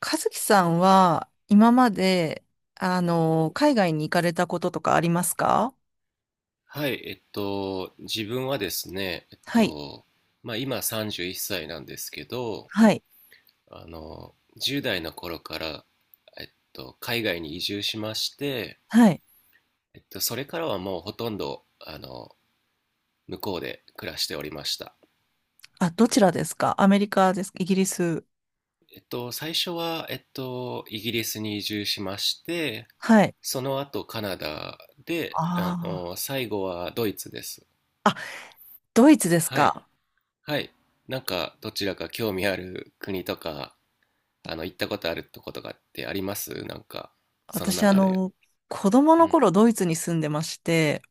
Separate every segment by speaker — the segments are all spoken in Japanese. Speaker 1: 和樹さんは今まで、海外に行かれたこととかありますか？
Speaker 2: はい、自分はですね、
Speaker 1: はい。
Speaker 2: 今31歳なんですけど、
Speaker 1: はい。
Speaker 2: あの、10代の頃から、海外に移住しまして、
Speaker 1: はい。
Speaker 2: それからはもうほとんど、向こうで暮らしておりました。
Speaker 1: あ、どちらですか？アメリカですか？イギリス？
Speaker 2: 最初は、イギリスに移住しまして、
Speaker 1: はい。
Speaker 2: その後カナダで、
Speaker 1: あ
Speaker 2: 最後はドイツです。
Speaker 1: あ。あ、ドイツです
Speaker 2: はい、
Speaker 1: か？
Speaker 2: はい。なんか、どちらか興味ある国とか行ったことあるとことかってありますなんか、その
Speaker 1: 私、
Speaker 2: 中で。
Speaker 1: 子供
Speaker 2: う
Speaker 1: の
Speaker 2: ん。
Speaker 1: 頃ドイツに住んでまして、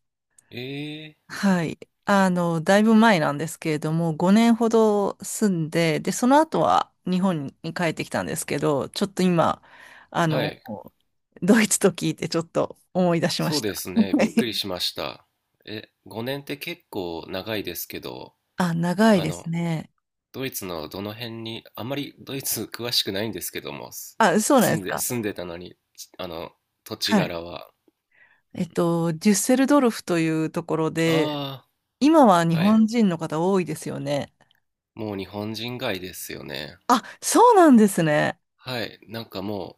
Speaker 2: えー、
Speaker 1: はい。あの、だいぶ前なんですけれども、5年ほど住んで、で、その後は日本に帰ってきたんですけど、ちょっと今、あ
Speaker 2: は
Speaker 1: の、
Speaker 2: い。
Speaker 1: ドイツと聞いてちょっと思い出しま
Speaker 2: そう
Speaker 1: した。
Speaker 2: です ね。
Speaker 1: は
Speaker 2: びっくり
Speaker 1: い。
Speaker 2: しました。え、5年って結構長いですけど、
Speaker 1: あ、長い
Speaker 2: あ
Speaker 1: です
Speaker 2: の、
Speaker 1: ね。
Speaker 2: ドイツのどの辺に、あんまりドイツ 詳しくないんですけども、
Speaker 1: あ、そうなんで
Speaker 2: 住ん
Speaker 1: す
Speaker 2: で、
Speaker 1: か。
Speaker 2: 住んでたのに、土地
Speaker 1: はい。
Speaker 2: 柄は。う
Speaker 1: えっ
Speaker 2: ん、
Speaker 1: と、デュッセルドルフというところで、
Speaker 2: あ
Speaker 1: 今は日
Speaker 2: あ、はい。
Speaker 1: 本人の方多いですよね。
Speaker 2: もう日本人街ですよね。
Speaker 1: あ、そうなんですね。
Speaker 2: はい。なんかも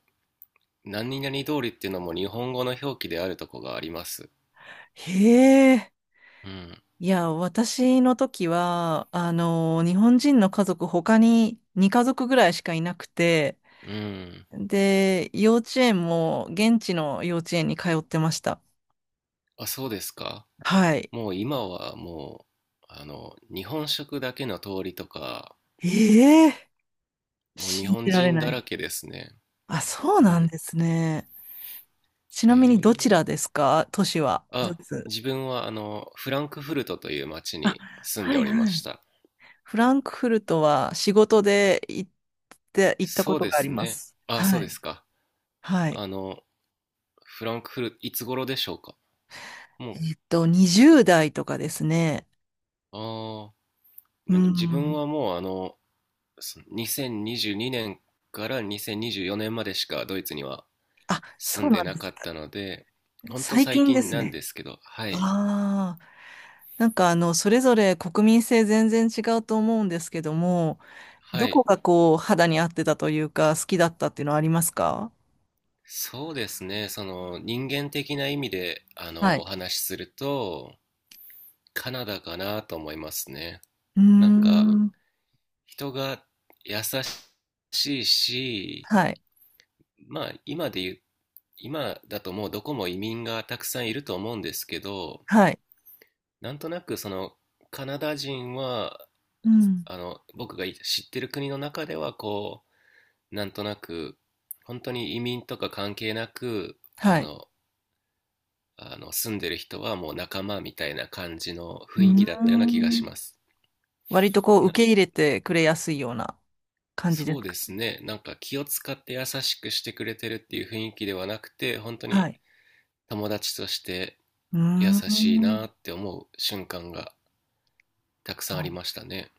Speaker 2: う、何々通りっていうのも日本語の表記であるとこがあります。
Speaker 1: へえ。
Speaker 2: うん。
Speaker 1: いや、私の時は、あの、日本人の家族他に2家族ぐらいしかいなくて、
Speaker 2: うん。
Speaker 1: で、幼稚園も現地の幼稚園に通ってました。
Speaker 2: あ、そうですか。
Speaker 1: はい。
Speaker 2: もう今は、日本食だけの通りとか、
Speaker 1: ええ、
Speaker 2: もう日
Speaker 1: 信
Speaker 2: 本
Speaker 1: じられ
Speaker 2: 人
Speaker 1: な
Speaker 2: だら
Speaker 1: い。
Speaker 2: けですね。
Speaker 1: あ、そう
Speaker 2: う
Speaker 1: なん
Speaker 2: ん。
Speaker 1: ですね。ち
Speaker 2: へ
Speaker 1: なみにどち
Speaker 2: え。
Speaker 1: らですか？都市は。ドイ
Speaker 2: あ、
Speaker 1: ツ。
Speaker 2: 自分はフランクフルトという町
Speaker 1: あ、
Speaker 2: に住ん
Speaker 1: は
Speaker 2: で
Speaker 1: い
Speaker 2: おりま
Speaker 1: は
Speaker 2: し
Speaker 1: い。
Speaker 2: た。
Speaker 1: フランクフルトは仕事で行ったこ
Speaker 2: そう
Speaker 1: と
Speaker 2: で
Speaker 1: があり
Speaker 2: す
Speaker 1: ま
Speaker 2: ね。
Speaker 1: す。
Speaker 2: あ、そ
Speaker 1: は
Speaker 2: うで
Speaker 1: い。
Speaker 2: すか。
Speaker 1: はい。
Speaker 2: あの、フランクフルト、いつ頃でしょうか。も
Speaker 1: えっと、20代とかですね。
Speaker 2: ああ、
Speaker 1: う
Speaker 2: なんか自分
Speaker 1: ん。
Speaker 2: はもうあの、そ2022年から2024年までしかドイツには
Speaker 1: あ、
Speaker 2: 住
Speaker 1: そ
Speaker 2: ん
Speaker 1: う
Speaker 2: で
Speaker 1: なん
Speaker 2: な
Speaker 1: です
Speaker 2: か
Speaker 1: ね。
Speaker 2: ったので、ほんと
Speaker 1: 最
Speaker 2: 最
Speaker 1: 近で
Speaker 2: 近
Speaker 1: す
Speaker 2: なんで
Speaker 1: ね。
Speaker 2: すけど、はい、
Speaker 1: ああ、あの、それぞれ国民性全然違うと思うんですけども、
Speaker 2: は
Speaker 1: どこ
Speaker 2: い、
Speaker 1: がこう、肌に合ってたというか、好きだったっていうのはありますか？
Speaker 2: そうですね、その人間的な意味で、
Speaker 1: はい。
Speaker 2: お話しすると、カナダかなと思いますね。
Speaker 1: うー
Speaker 2: なんか、
Speaker 1: ん。
Speaker 2: 人が優しいし、
Speaker 1: はい。
Speaker 2: まあ、今で言う、今だともうどこも移民がたくさんいると思うんですけど、
Speaker 1: はい。
Speaker 2: なんとなくそのカナダ人は、
Speaker 1: うん。
Speaker 2: 僕が知ってる国の中ではなんとなく、本当に移民とか関係なく、
Speaker 1: はい。
Speaker 2: 住んでる人はもう仲間みたいな感じの
Speaker 1: う
Speaker 2: 雰
Speaker 1: ー
Speaker 2: 囲気だったような気がし
Speaker 1: ん。
Speaker 2: ます。
Speaker 1: 割とこう、
Speaker 2: な
Speaker 1: 受け入れてくれやすいような感じです
Speaker 2: そうで
Speaker 1: か？
Speaker 2: すね。なんか気を使って優しくしてくれてるっていう雰囲気ではなくて、本当
Speaker 1: は
Speaker 2: に
Speaker 1: い。
Speaker 2: 友達として
Speaker 1: う
Speaker 2: 優
Speaker 1: ー
Speaker 2: しいな
Speaker 1: ん。
Speaker 2: って思う瞬間がたくさんありましたね。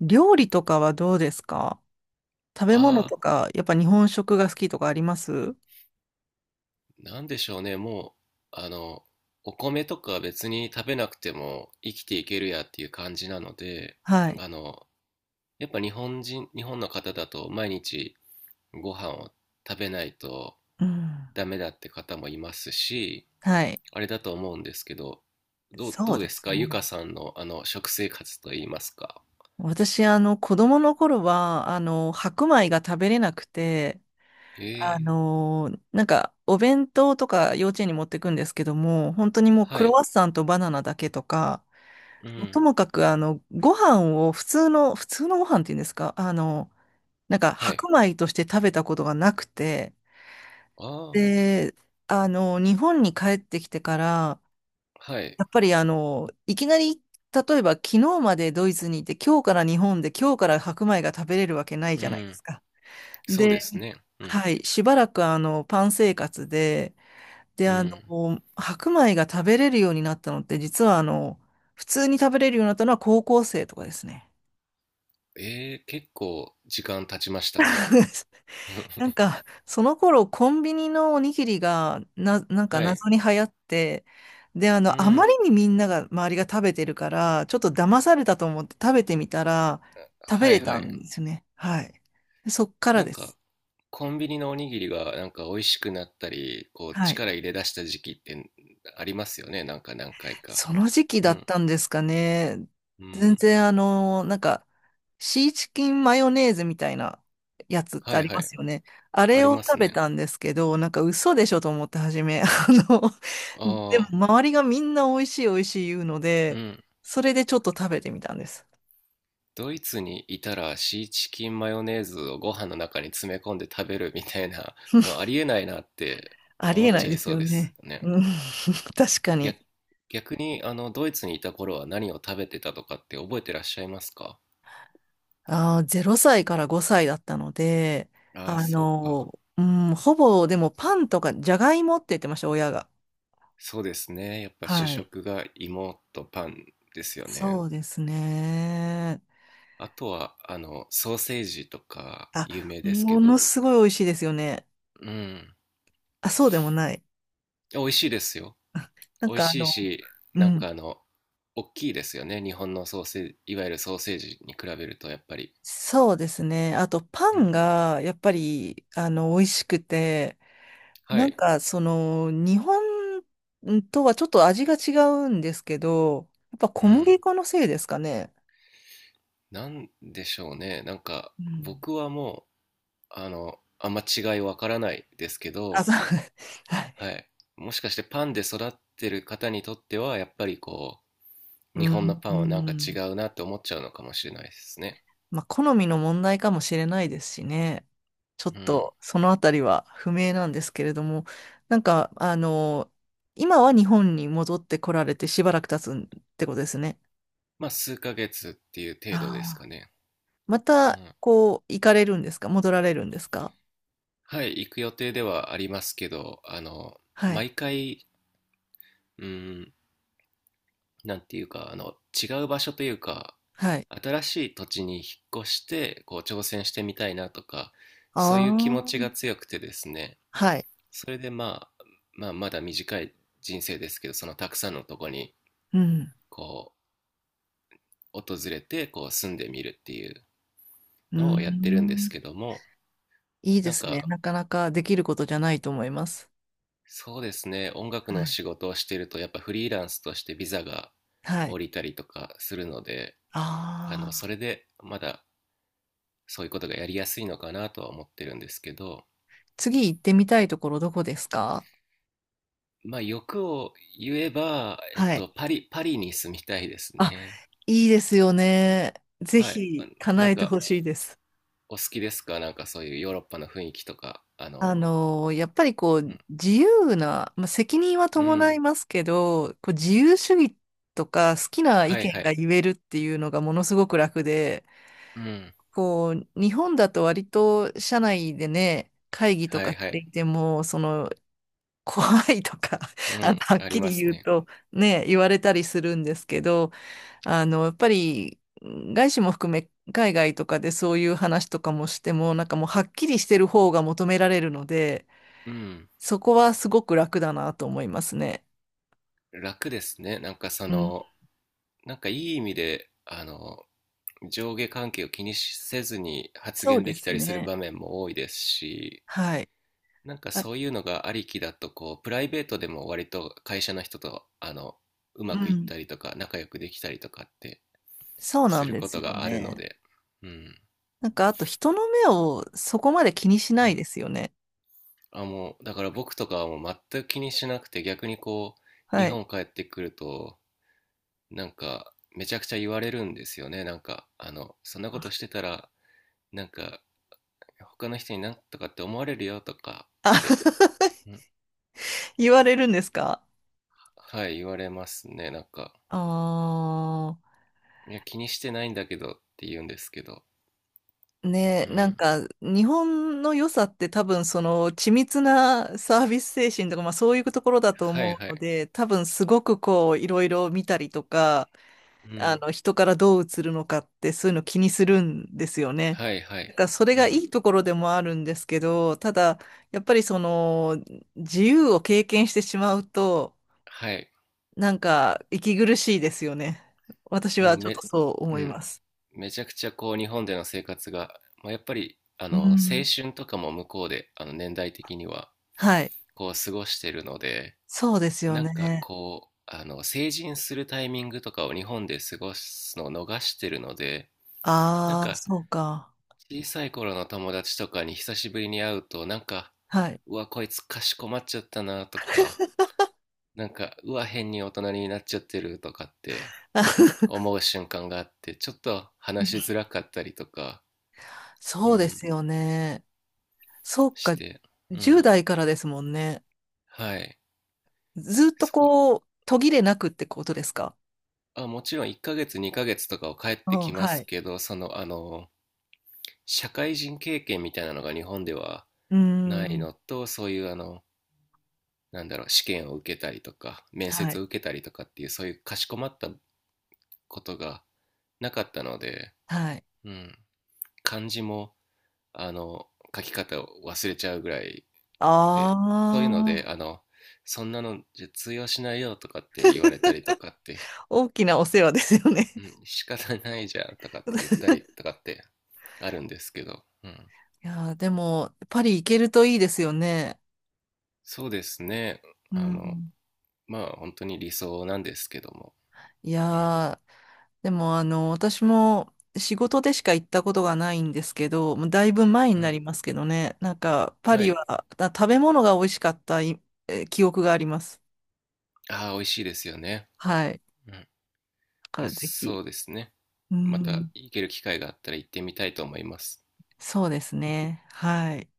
Speaker 1: 料理とかはどうですか？食べ物
Speaker 2: あ
Speaker 1: と
Speaker 2: あ、
Speaker 1: か、やっぱ日本食が好きとかあります？
Speaker 2: なんでしょうね。う、あの、お米とか別に食べなくても生きていけるやっていう感じなので、
Speaker 1: はい。
Speaker 2: あの、やっぱ日本人、日本の方だと毎日ご飯を食べないと
Speaker 1: うん。
Speaker 2: ダメだって方もいますし、
Speaker 1: はい。
Speaker 2: あれだと思うんですけど、ど
Speaker 1: そう
Speaker 2: うで
Speaker 1: で
Speaker 2: す
Speaker 1: す
Speaker 2: かゆか
Speaker 1: ね。
Speaker 2: さんのあの食生活といいますか。
Speaker 1: 私、子供の頃は、白米が食べれなくて、
Speaker 2: え
Speaker 1: あ
Speaker 2: え、
Speaker 1: の、なんか、お弁当とか幼稚園に持ってくんですけども、本当にもう
Speaker 2: は
Speaker 1: クロワ
Speaker 2: い、
Speaker 1: ッサンとバナナだけとか、
Speaker 2: う
Speaker 1: もうと
Speaker 2: ん、
Speaker 1: もかく、ご飯を普通のご飯っていうんですか、あの、なんか、
Speaker 2: はい。
Speaker 1: 白米として食べたことがなくて、
Speaker 2: ああ、
Speaker 1: で、日本に帰ってきてから、
Speaker 2: はい、
Speaker 1: やっぱりあの、いきなり、例えば昨日までドイツにいて、今日から日本で、今日から白米が食べれるわけない
Speaker 2: う
Speaker 1: じゃないで
Speaker 2: ん、
Speaker 1: すか。
Speaker 2: そうで
Speaker 1: で、
Speaker 2: すね。うん、
Speaker 1: はい、しばらくあの、パン生活で、で、
Speaker 2: うん。
Speaker 1: 白米が食べれるようになったのって、実はあの、普通に食べれるようになったのは高校生とかですね。
Speaker 2: ええ、結構時間経ちましたね。
Speaker 1: なん か、その頃、コンビニのおにぎりが、なんか
Speaker 2: はい、
Speaker 1: 謎に流行って、で、あ
Speaker 2: う
Speaker 1: の、あま
Speaker 2: ん、
Speaker 1: りにみんなが、周りが食べてるから、ちょっと騙されたと思って食べてみたら、食べ
Speaker 2: はい
Speaker 1: れ
Speaker 2: は
Speaker 1: た
Speaker 2: い。
Speaker 1: んですよね。はい。でそっから
Speaker 2: な
Speaker 1: で
Speaker 2: ん
Speaker 1: す。
Speaker 2: か、コンビニのおにぎりがなんか美味しくなったり、こう
Speaker 1: はい。
Speaker 2: 力入れ出した時期ってありますよね。なんか何回か。
Speaker 1: その時期
Speaker 2: う
Speaker 1: だっ
Speaker 2: ん。
Speaker 1: たんですかね。
Speaker 2: う
Speaker 1: 全
Speaker 2: ん。
Speaker 1: 然あの、なんか、シーチキンマヨネーズみたいなやつって
Speaker 2: は
Speaker 1: あ
Speaker 2: い
Speaker 1: り
Speaker 2: は
Speaker 1: ま
Speaker 2: い。
Speaker 1: すよね。あ
Speaker 2: あ
Speaker 1: れ
Speaker 2: り
Speaker 1: を
Speaker 2: ます
Speaker 1: 食べ
Speaker 2: ね。
Speaker 1: たんですけど、なんか嘘でしょと思って初め。あの、で
Speaker 2: ああ、
Speaker 1: も周りがみんな美味しい美味しい言うの
Speaker 2: う
Speaker 1: で、
Speaker 2: ん。
Speaker 1: それでちょっと食べてみたんです。
Speaker 2: ドイツにいたらシーチキンマヨネーズをご飯の中に詰め込んで食べるみたいなのありえないなって
Speaker 1: あり
Speaker 2: 思
Speaker 1: え
Speaker 2: っ
Speaker 1: ない
Speaker 2: ちゃ
Speaker 1: で
Speaker 2: い
Speaker 1: す
Speaker 2: そう
Speaker 1: よ
Speaker 2: です
Speaker 1: ね。
Speaker 2: ね。
Speaker 1: うん、確かに。
Speaker 2: 逆、逆にドイツにいた頃は何を食べてたとかって覚えてらっしゃいますか
Speaker 1: ああ、0歳から5歳だったので、
Speaker 2: ああー、
Speaker 1: あ
Speaker 2: そうか。
Speaker 1: の、うん、ほぼでもパンとかじゃがいもって言ってました、親が。
Speaker 2: そうですね。やっぱ主
Speaker 1: はい。
Speaker 2: 食が芋とパンですよね。
Speaker 1: そうですね。
Speaker 2: あとは、ソーセージとか
Speaker 1: あ、
Speaker 2: 有名ですけ
Speaker 1: もの
Speaker 2: ど。
Speaker 1: すごい美味しいですよね。
Speaker 2: うん。
Speaker 1: あ、そうでもない。
Speaker 2: 美味しいですよ。
Speaker 1: な
Speaker 2: 美
Speaker 1: ん
Speaker 2: 味
Speaker 1: かあ
Speaker 2: しい
Speaker 1: の、
Speaker 2: し、
Speaker 1: う
Speaker 2: なんか
Speaker 1: ん。
Speaker 2: あの、大きいですよね。日本のソーセージ、いわゆるソーセージに比べるとやっぱり。
Speaker 1: そうですね。あと、パ
Speaker 2: う
Speaker 1: ン
Speaker 2: ん。
Speaker 1: が、やっぱり、あの、美味しくて、
Speaker 2: は
Speaker 1: なん
Speaker 2: い。
Speaker 1: か、その、日本とはちょっと味が違うんですけど、やっぱ
Speaker 2: う
Speaker 1: 小
Speaker 2: ん。
Speaker 1: 麦粉のせいですかね。
Speaker 2: なんでしょうね。なんか、
Speaker 1: うん。
Speaker 2: 僕はもう、あんま違いわからないですけ
Speaker 1: あ、そ
Speaker 2: ど、
Speaker 1: う。はい。
Speaker 2: はい。もしかしてパンで育ってる方にとっては、やっぱりこう、
Speaker 1: う
Speaker 2: 日本の
Speaker 1: ん。
Speaker 2: パ
Speaker 1: う
Speaker 2: ンはなんか違
Speaker 1: ん。
Speaker 2: うなって思っちゃうのかもしれないですね。
Speaker 1: まあ、好みの問題かもしれないですしね。ちょっ
Speaker 2: うん。
Speaker 1: と、そのあたりは不明なんですけれども、なんか、あの、今は日本に戻ってこられてしばらく経つってことですね。
Speaker 2: まあ、数ヶ月っていう程度です
Speaker 1: あ
Speaker 2: か
Speaker 1: あ。
Speaker 2: ね。
Speaker 1: ま
Speaker 2: う
Speaker 1: た、
Speaker 2: ん。
Speaker 1: こう、行かれるんですか？戻られるんですか？
Speaker 2: はい、行く予定ではありますけど、
Speaker 1: はい。
Speaker 2: 毎回、うん、なんていうか、違う場所というか、
Speaker 1: はい。
Speaker 2: 新しい土地に引っ越して、こう、挑戦してみたいなとか、そういう気
Speaker 1: あ
Speaker 2: 持ち
Speaker 1: あ。
Speaker 2: が強くてですね、
Speaker 1: はい。
Speaker 2: それでまあ、まだ短い人生ですけど、そのたくさんのとこに、
Speaker 1: うん。
Speaker 2: こう、訪れて、こう、住んでみるっていう、
Speaker 1: うー
Speaker 2: のをやってるんです
Speaker 1: ん。
Speaker 2: けども、
Speaker 1: いいで
Speaker 2: なん
Speaker 1: すね。
Speaker 2: か、
Speaker 1: なかなかできることじゃないと思います。
Speaker 2: そうですね、音楽
Speaker 1: は
Speaker 2: の
Speaker 1: い。
Speaker 2: 仕事をしてると、やっぱフリーランスとしてビザが
Speaker 1: はい。
Speaker 2: 降りたりとかするので、
Speaker 1: ああ。
Speaker 2: それでまだそういうことがやりやすいのかなとは思ってるんですけど、
Speaker 1: 次行ってみたいところどこですか？
Speaker 2: まあ欲を言えば、
Speaker 1: はい。
Speaker 2: パリに住みたいです
Speaker 1: あ、
Speaker 2: ね。
Speaker 1: いいですよね。ぜ
Speaker 2: はい。あ
Speaker 1: ひ
Speaker 2: な
Speaker 1: 叶
Speaker 2: ん
Speaker 1: えて
Speaker 2: か、
Speaker 1: ほしいです。
Speaker 2: お好きですかなんかそういうヨーロッパの雰囲気とか、
Speaker 1: あの、やっぱりこ
Speaker 2: う
Speaker 1: う、
Speaker 2: ん、
Speaker 1: 自由な、まあ、責任は
Speaker 2: う
Speaker 1: 伴い
Speaker 2: ん、
Speaker 1: ますけど、こう自由主義とか好きな意
Speaker 2: はいは
Speaker 1: 見が
Speaker 2: い、
Speaker 1: 言えるっていうのがものすごく楽で、
Speaker 2: うん、
Speaker 1: こう、日本だと割と社内でね、会議と
Speaker 2: は
Speaker 1: か
Speaker 2: い
Speaker 1: し
Speaker 2: は
Speaker 1: て
Speaker 2: い、
Speaker 1: いても、その、怖いとか、
Speaker 2: う
Speaker 1: あの、
Speaker 2: ん、
Speaker 1: はっ
Speaker 2: あり
Speaker 1: き
Speaker 2: ま
Speaker 1: り
Speaker 2: す
Speaker 1: 言う
Speaker 2: ね。
Speaker 1: とね、言われたりするんですけど、あの、やっぱり、外資も含め、海外とかでそういう話とかもしても、なんかもうはっきりしてる方が求められるので、
Speaker 2: うん。
Speaker 1: そこはすごく楽だなと思いますね。
Speaker 2: 楽ですね。なんかそ
Speaker 1: うん、
Speaker 2: の、いい意味で、上下関係を気にせずに発
Speaker 1: そう
Speaker 2: 言
Speaker 1: で
Speaker 2: でき
Speaker 1: す
Speaker 2: たりする
Speaker 1: ね。
Speaker 2: 場面も多いですし、
Speaker 1: はい。
Speaker 2: なんか
Speaker 1: あ、
Speaker 2: そういうのがありきだと、こう、プライベートでも割と会社の人と、う
Speaker 1: う
Speaker 2: まくいっ
Speaker 1: ん、
Speaker 2: たりとか、仲良くできたりとかって
Speaker 1: そうな
Speaker 2: す
Speaker 1: ん
Speaker 2: る
Speaker 1: で
Speaker 2: こ
Speaker 1: す
Speaker 2: と
Speaker 1: よ
Speaker 2: があるの
Speaker 1: ね。
Speaker 2: で、うん。
Speaker 1: なんか、あと人の目をそこまで気にし
Speaker 2: う
Speaker 1: ない
Speaker 2: ん
Speaker 1: ですよね。
Speaker 2: あ、もう、だから僕とかはもう全く気にしなくて、逆にこう、日
Speaker 1: はい。
Speaker 2: 本帰ってくると、なんか、めちゃくちゃ言われるんですよね。なんか、そんなことしてたら、なんか他の人になんとかって思われるよとかってうん
Speaker 1: 言われるんですか？
Speaker 2: はい言われますねなんか
Speaker 1: ああー。
Speaker 2: いや気にしてないんだけどって言うんですけど
Speaker 1: ね、
Speaker 2: う
Speaker 1: なん
Speaker 2: ん。
Speaker 1: か日本の良さって多分その緻密なサービス精神とか、まあ、そういうところだと
Speaker 2: はい
Speaker 1: 思
Speaker 2: は
Speaker 1: うの
Speaker 2: い
Speaker 1: で多分すごくこういろいろ見たりとか、
Speaker 2: う
Speaker 1: あ
Speaker 2: ん
Speaker 1: の人からどう映るのかってそういうの気にするんですよね。
Speaker 2: はいは
Speaker 1: だ
Speaker 2: い
Speaker 1: からそれ
Speaker 2: う
Speaker 1: がい
Speaker 2: ん
Speaker 1: いところでもあるんですけど、ただやっぱりその自由を経験してしまうと
Speaker 2: はい
Speaker 1: なんか息苦しいですよね。私
Speaker 2: も
Speaker 1: は
Speaker 2: う
Speaker 1: ちょっと
Speaker 2: め
Speaker 1: そう
Speaker 2: う
Speaker 1: 思い
Speaker 2: ん
Speaker 1: ます。
Speaker 2: めちゃくちゃこう日本での生活が、まあ、やっぱりあ
Speaker 1: う
Speaker 2: の青
Speaker 1: ん、
Speaker 2: 春とかも向こうであの年代的には
Speaker 1: はい、
Speaker 2: こう過ごしてるので
Speaker 1: そうですよ
Speaker 2: なんか
Speaker 1: ね。
Speaker 2: こうあの成人するタイミングとかを日本で過ごすのを逃してるのでなん
Speaker 1: ああ、
Speaker 2: か
Speaker 1: そうか。
Speaker 2: 小さい頃の友達とかに久しぶりに会うと、なんか、
Speaker 1: はい。
Speaker 2: うわ、こいつかしこまっちゃったなとか、なんか、うわ、変に大人になっちゃってるとかって 思う瞬間があって、ちょっと話しづらかったりとか、う
Speaker 1: そうで
Speaker 2: ん、
Speaker 1: すよね。そう
Speaker 2: し
Speaker 1: か。
Speaker 2: て、うん。
Speaker 1: 10代からですもんね。
Speaker 2: はい。
Speaker 1: ずっと
Speaker 2: そこ。
Speaker 1: こう、途切れなくってことですか？
Speaker 2: あ、もちろん1ヶ月、2ヶ月とかを帰っ
Speaker 1: う
Speaker 2: てき
Speaker 1: ん、
Speaker 2: ま
Speaker 1: は
Speaker 2: す
Speaker 1: い。
Speaker 2: けど、その、社会人経験みたいなのが日本では
Speaker 1: うー
Speaker 2: ない
Speaker 1: ん、
Speaker 2: のと、そういうあの、なんだろう試験を受けたりとか面
Speaker 1: は
Speaker 2: 接を
Speaker 1: い、
Speaker 2: 受けたりとかっていうそういうかしこまったことがなかったので、
Speaker 1: はい。
Speaker 2: うん、漢字もあの書き方を忘れちゃうぐらい
Speaker 1: あ
Speaker 2: でそういうので
Speaker 1: あ、
Speaker 2: あのそんなのじゃ通用しないよとかって言われたりとかって、
Speaker 1: 大きなお世話ですよね。
Speaker 2: うん、仕方ないじゃんとかって言ったりと かってあるんですけど、うん、
Speaker 1: いやー、でも、パリ行けるといいですよね。
Speaker 2: そうですね
Speaker 1: う
Speaker 2: あの
Speaker 1: ん。
Speaker 2: 本当に理想なんですけども、
Speaker 1: い
Speaker 2: うん、
Speaker 1: やー、でも、あの、私も仕事でしか行ったことがないんですけど、もうだいぶ前
Speaker 2: う
Speaker 1: にな
Speaker 2: ん、
Speaker 1: りますけどね、なんか、パ
Speaker 2: は
Speaker 1: リ
Speaker 2: い
Speaker 1: は、あ、食べ物が美味しかった、い、え、記憶があります。
Speaker 2: ああ美味しいですよね、
Speaker 1: はい。だ
Speaker 2: うん、
Speaker 1: か
Speaker 2: まあ、
Speaker 1: らぜひ。
Speaker 2: そうですね。
Speaker 1: う
Speaker 2: ま
Speaker 1: ん、
Speaker 2: た行ける機会があったら行ってみたいと思います。
Speaker 1: そうですね。はい。